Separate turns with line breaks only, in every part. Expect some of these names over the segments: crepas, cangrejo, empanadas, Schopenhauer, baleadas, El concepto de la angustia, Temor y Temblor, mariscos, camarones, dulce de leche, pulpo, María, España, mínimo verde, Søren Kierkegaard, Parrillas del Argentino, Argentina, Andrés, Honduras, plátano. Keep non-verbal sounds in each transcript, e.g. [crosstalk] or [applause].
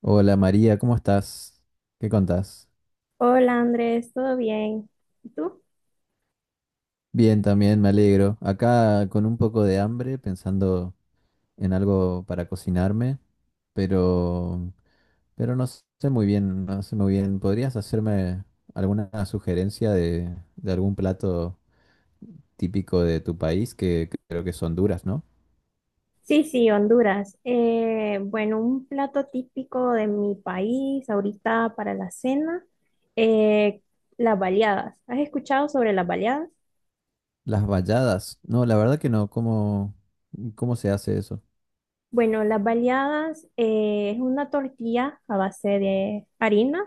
Hola María, ¿cómo estás? ¿Qué contás?
Hola Andrés, ¿todo bien? ¿Y tú?
Bien, también me alegro. Acá con un poco de hambre, pensando en algo para cocinarme, pero, pero no sé muy bien. ¿Podrías hacerme alguna sugerencia de algún plato típico de tu país, que creo que son duras, ¿no?
Sí, sí, Honduras. Bueno, un plato típico de mi país ahorita para la cena, eh, las baleadas. ¿Has escuchado sobre las baleadas?
Las valladas. No, la verdad que no. ¿Cómo se hace eso?
Bueno, las baleadas es una tortilla a base de harina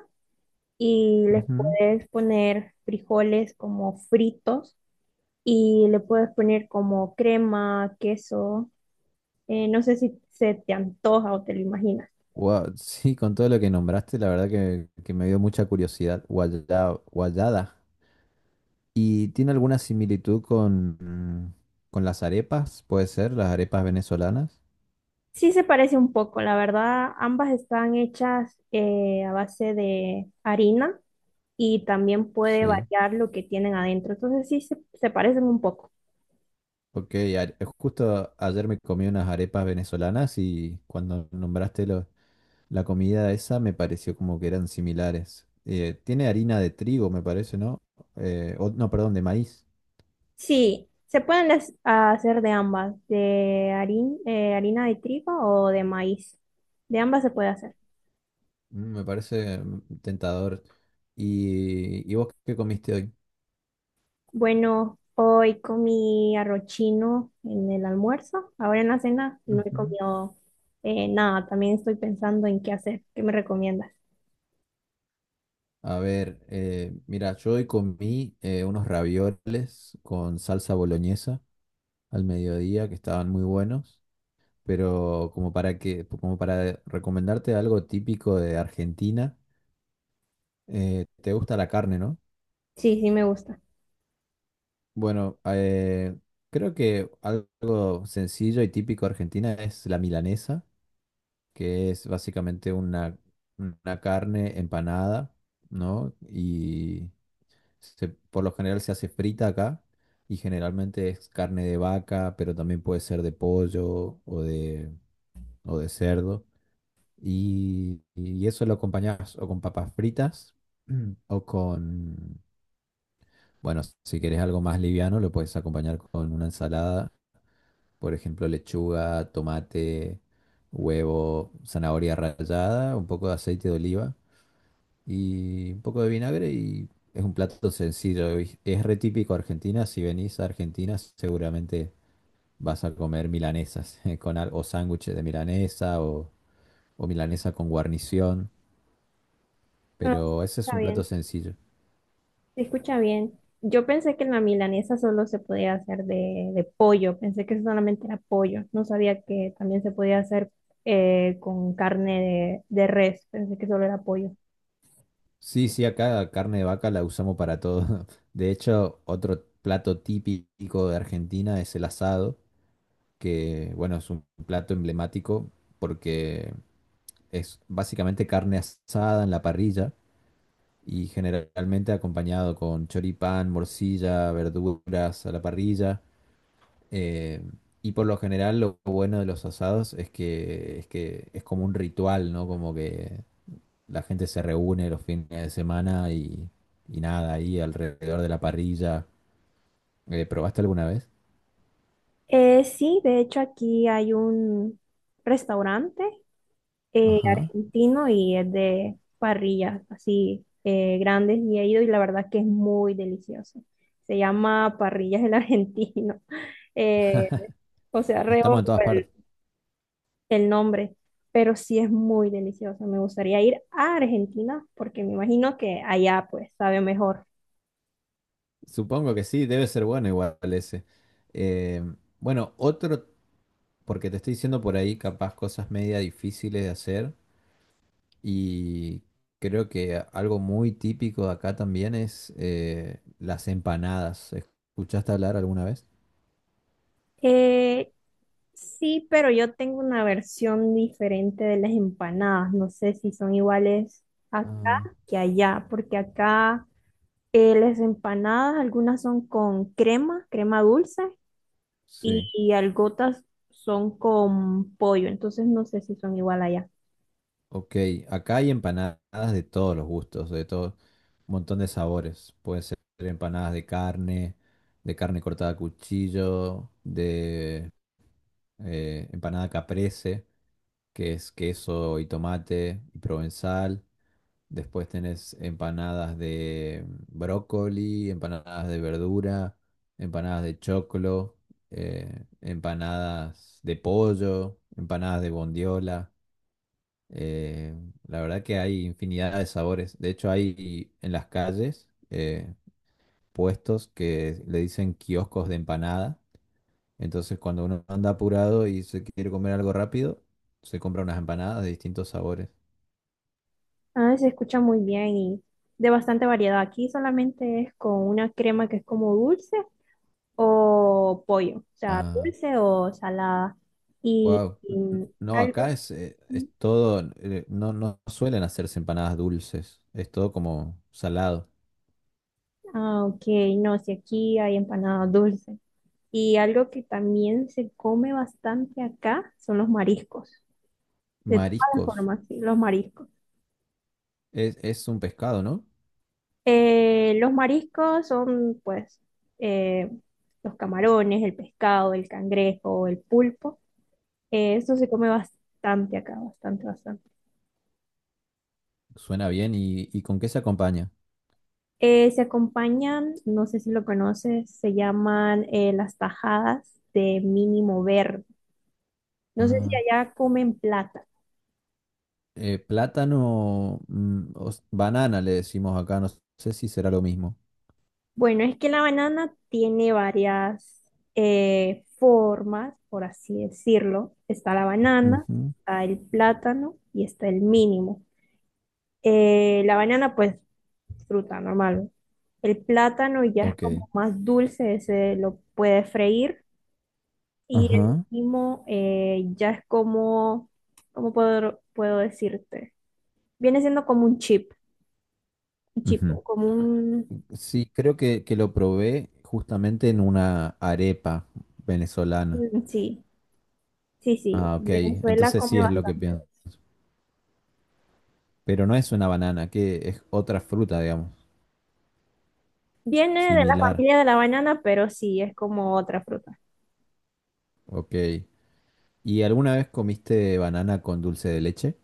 y les
Ujú.
puedes poner frijoles como fritos y le puedes poner como crema, queso. No sé si se te antoja o te lo imaginas.
Guau, sí, con todo lo que nombraste, la verdad que me dio mucha curiosidad. Guayada, guayada. ¿Y tiene alguna similitud con, mm, con las arepas? ¿Puede ser? ¿Las arepas venezolanas?
Sí se parece un poco, la verdad, ambas están hechas a base de harina y también puede
Sí.
variar lo que tienen adentro, entonces sí se parecen un poco.
Ok, justo ayer me comí unas arepas venezolanas y cuando nombraste la comida esa me pareció como que eran similares. Tiene harina de trigo, me parece, ¿no? No, perdón, de maíz.
Sí, se pueden hacer de ambas, de harina de trigo o de maíz, de ambas se puede hacer.
Me parece tentador. ¿Y vos qué comiste hoy?
Bueno, hoy comí arroz chino en el almuerzo, ahora en la cena no he
Ujú.
comido nada, también estoy pensando en qué hacer. ¿Qué me recomiendas?
A ver, mira, yo hoy comí unos ravioles con salsa boloñesa al mediodía que estaban muy buenos, pero como para recomendarte algo típico de Argentina, te gusta la carne, ¿no?
Sí, sí me gusta.
Bueno, creo que algo sencillo y típico de Argentina es la milanesa, que es básicamente una carne empanada, ¿no? Y por lo general se hace frita acá y generalmente es carne de vaca, pero también puede ser de pollo o de cerdo. Y eso lo acompañas o con papas fritas [clears throat] o con, bueno, si querés algo más liviano, lo puedes acompañar con una ensalada, por ejemplo, lechuga, tomate, huevo, zanahoria rallada, un poco de aceite de oliva, y un poco de vinagre y es un plato sencillo. Y es re típico Argentina. Si venís a Argentina seguramente vas a comer milanesas [laughs] con o sándwiches de milanesa o milanesa con guarnición,
No,
pero ese es
está
un plato
bien,
sencillo.
se escucha bien. Yo pensé que la milanesa solo se podía hacer de pollo, pensé que solamente era pollo, no sabía que también se podía hacer con carne de res, pensé que solo era pollo.
Sí, sí, acá la carne de vaca la usamos para todo. [laughs] De hecho, otro plato típico de Argentina es el asado, que bueno, es un plato emblemático porque es básicamente carne asada en la parrilla y generalmente acompañado con choripán, morcilla, verduras a la parrilla. eh, y por lo general lo bueno de los asados es que es como un ritual, ¿no? Como que la gente se reúne los fines de semana y nada, ahí alrededor de la parrilla. ¿Probaste alguna vez?
Sí, de hecho aquí hay un restaurante
Ajá.
argentino y es de parrillas así grandes y he ido y la verdad que es muy delicioso. Se llama Parrillas del Argentino. [laughs] Eh, o sea,
Estamos
reo
en todas partes.
el nombre, pero sí es muy delicioso. Me gustaría ir a Argentina porque me imagino que allá pues sabe mejor.
Supongo que sí, debe ser bueno igual ese. Eh, bueno, otro, porque te estoy diciendo por ahí capaz cosas media difíciles de hacer. Y creo que algo muy típico de acá también es las empanadas. ¿Escuchaste hablar alguna vez?
Eh, sí, pero yo tengo una versión diferente de las empanadas. No sé si son iguales acá
Ah,
que allá, porque acá las empanadas, algunas son con crema, crema dulce,
sí.
y algunas son con pollo. Entonces no sé si son igual allá.
Ok, acá hay empanadas de todos los gustos, de todo, un montón de sabores. Pueden ser empanadas de carne cortada a cuchillo, de empanada caprese, que es queso y tomate y provenzal. Después tenés empanadas de brócoli, empanadas de verdura, empanadas de choclo, empanadas de pollo, empanadas de bondiola. eh, la verdad que hay infinidad de sabores. De hecho, hay en las calles puestos que le dicen kioscos de empanada. Entonces, cuando uno anda apurado y se quiere comer algo rápido, se compra unas empanadas de distintos sabores.
Ah, se escucha muy bien y de bastante variedad. Aquí solamente es con una crema que es como dulce o pollo, o sea,
Ah,
dulce o salada.
wow.
Y
No, acá
algo,
es todo, no, no suelen hacerse empanadas dulces, es todo como salado.
ah, ok, no, si aquí hay empanada dulce. Y algo que también se come bastante acá son los mariscos, de todas las
Mariscos,
formas, sí, los mariscos.
es un pescado, ¿no?
Los mariscos son pues eh, los camarones, el pescado, el cangrejo, el pulpo. Esto se come bastante acá, bastante, bastante.
Suena bien, y con qué se acompaña?
Se acompañan, no sé si lo conoces, se llaman las tajadas de mínimo verde. No sé si
Ah,
allá comen plata.
plátano, o banana le decimos acá, no sé si será lo mismo.
Bueno, es que la banana tiene varias formas, por así decirlo. Está la banana,
Ujú,
está el plátano y está el mínimo. La banana, pues, fruta normal. El plátano ya es
ok.
como más dulce, se lo puede freír. Y el
Ajá.
último ya es como, ¿cómo puedo decirte? Viene siendo como un chip,
Ujú.
como un...
Sí, creo que lo probé justamente en una arepa venezolana.
Mm, sí, sí, sí,
Ah, ok,
Venezuela
entonces
come
sí es lo que
bastante.
pienso. Pero no es una banana, que es otra fruta, digamos,
Viene de la
similar.
familia de la banana, pero sí, es como otra fruta.
Ok. ¿Y alguna vez comiste banana con dulce de leche?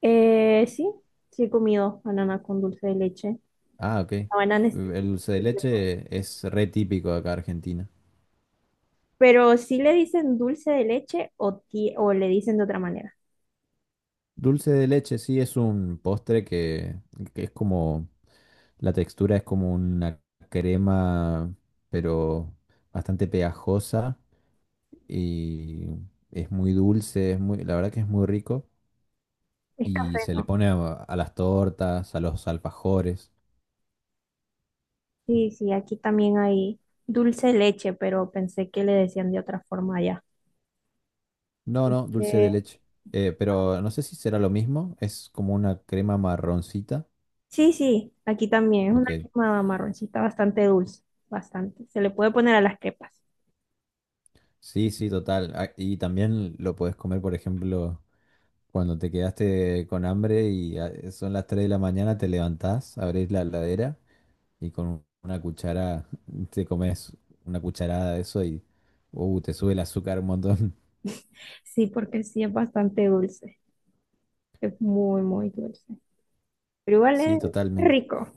Sí, sí he comido banana con dulce de leche.
Ah, ok.
La banana es...
El dulce de leche es re típico de acá de Argentina.
Pero sí le dicen dulce de leche o, o le dicen de otra manera.
Dulce de leche sí es un postre que es como, la textura es como una crema, pero bastante pegajosa y es muy dulce, es muy, la verdad que es muy rico
Es café,
y se le
¿no?
pone a las tortas, a los alfajores.
Sí, sí, aquí también hay dulce de leche, pero pensé que le decían de otra forma allá.
No, no, dulce de
Eh,
leche. Pero no sé si será lo mismo. Es como una crema marroncita.
sí, sí, aquí también es
Ok.
una crema marroncita bastante dulce, bastante. Se le puede poner a las crepas.
Sí, sí, total. Ah, y también lo podés comer, por ejemplo, cuando te quedaste con hambre y ah, son las 3 de la mañana, te levantás, abrís la heladera y con una cuchara [laughs] te comes una cucharada de eso y te sube el azúcar un montón. [laughs]
Sí, porque sí es bastante dulce, es muy, muy dulce. Pero igual
Sí,
es
totalmente.
rico.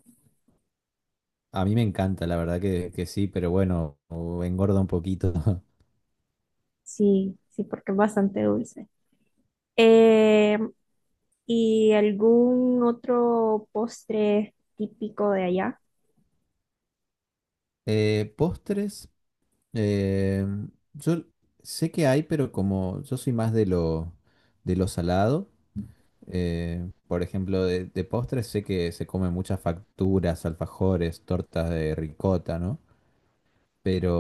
A mí me encanta, la verdad que sí, pero bueno, engorda un poquito. [laughs]
Sí, sí, porque es bastante dulce. Eh, ¿Y algún otro postre típico de allá?
Postres. Eh, yo sé que hay, pero como yo soy más de lo salado, por ejemplo, de postres sé que se comen muchas facturas, alfajores, tortas de ricota, ¿no? Pero,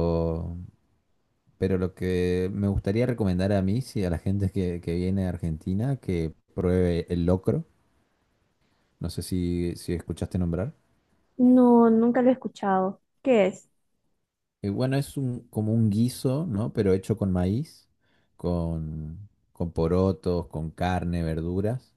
pero lo que me gustaría recomendar a mí, sí, a la gente que viene a Argentina, que pruebe el locro. No sé si escuchaste nombrar.
No, nunca lo he escuchado. ¿Qué es?
Y bueno, es un, como un guiso, ¿no? Pero hecho con maíz, con porotos, con carne, verduras.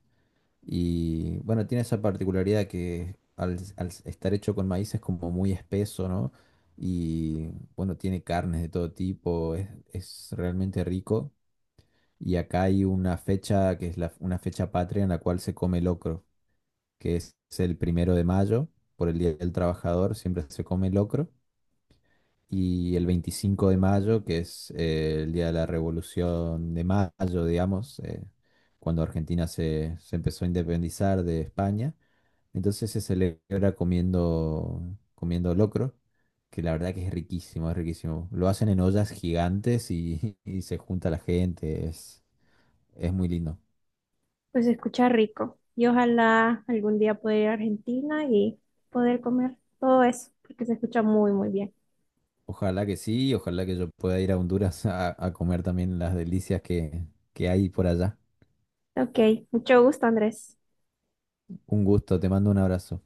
Y bueno, tiene esa particularidad que al estar hecho con maíz es como muy espeso, ¿no? Y bueno, tiene carnes de todo tipo, es realmente rico. Y acá hay una fecha que es la, una fecha patria en la cual se come locro, que es el primero de mayo, por el Día del Trabajador, siempre se come locro y el 25 de mayo, que es el día de la Revolución de Mayo, digamos, cuando Argentina se empezó a independizar de España. Entonces se celebra comiendo locro, que la verdad que es riquísimo, es riquísimo. Lo hacen en ollas gigantes y, [laughs] y se junta la gente, es muy lindo.
Pues se escucha rico. Y ojalá algún día poder ir a Argentina y poder comer todo eso, porque se escucha muy, muy bien.
Ojalá que sí, ojalá que yo pueda ir a Honduras a comer también las delicias que hay por allá.
Ok, mucho gusto, Andrés.
Un gusto, te mando un abrazo.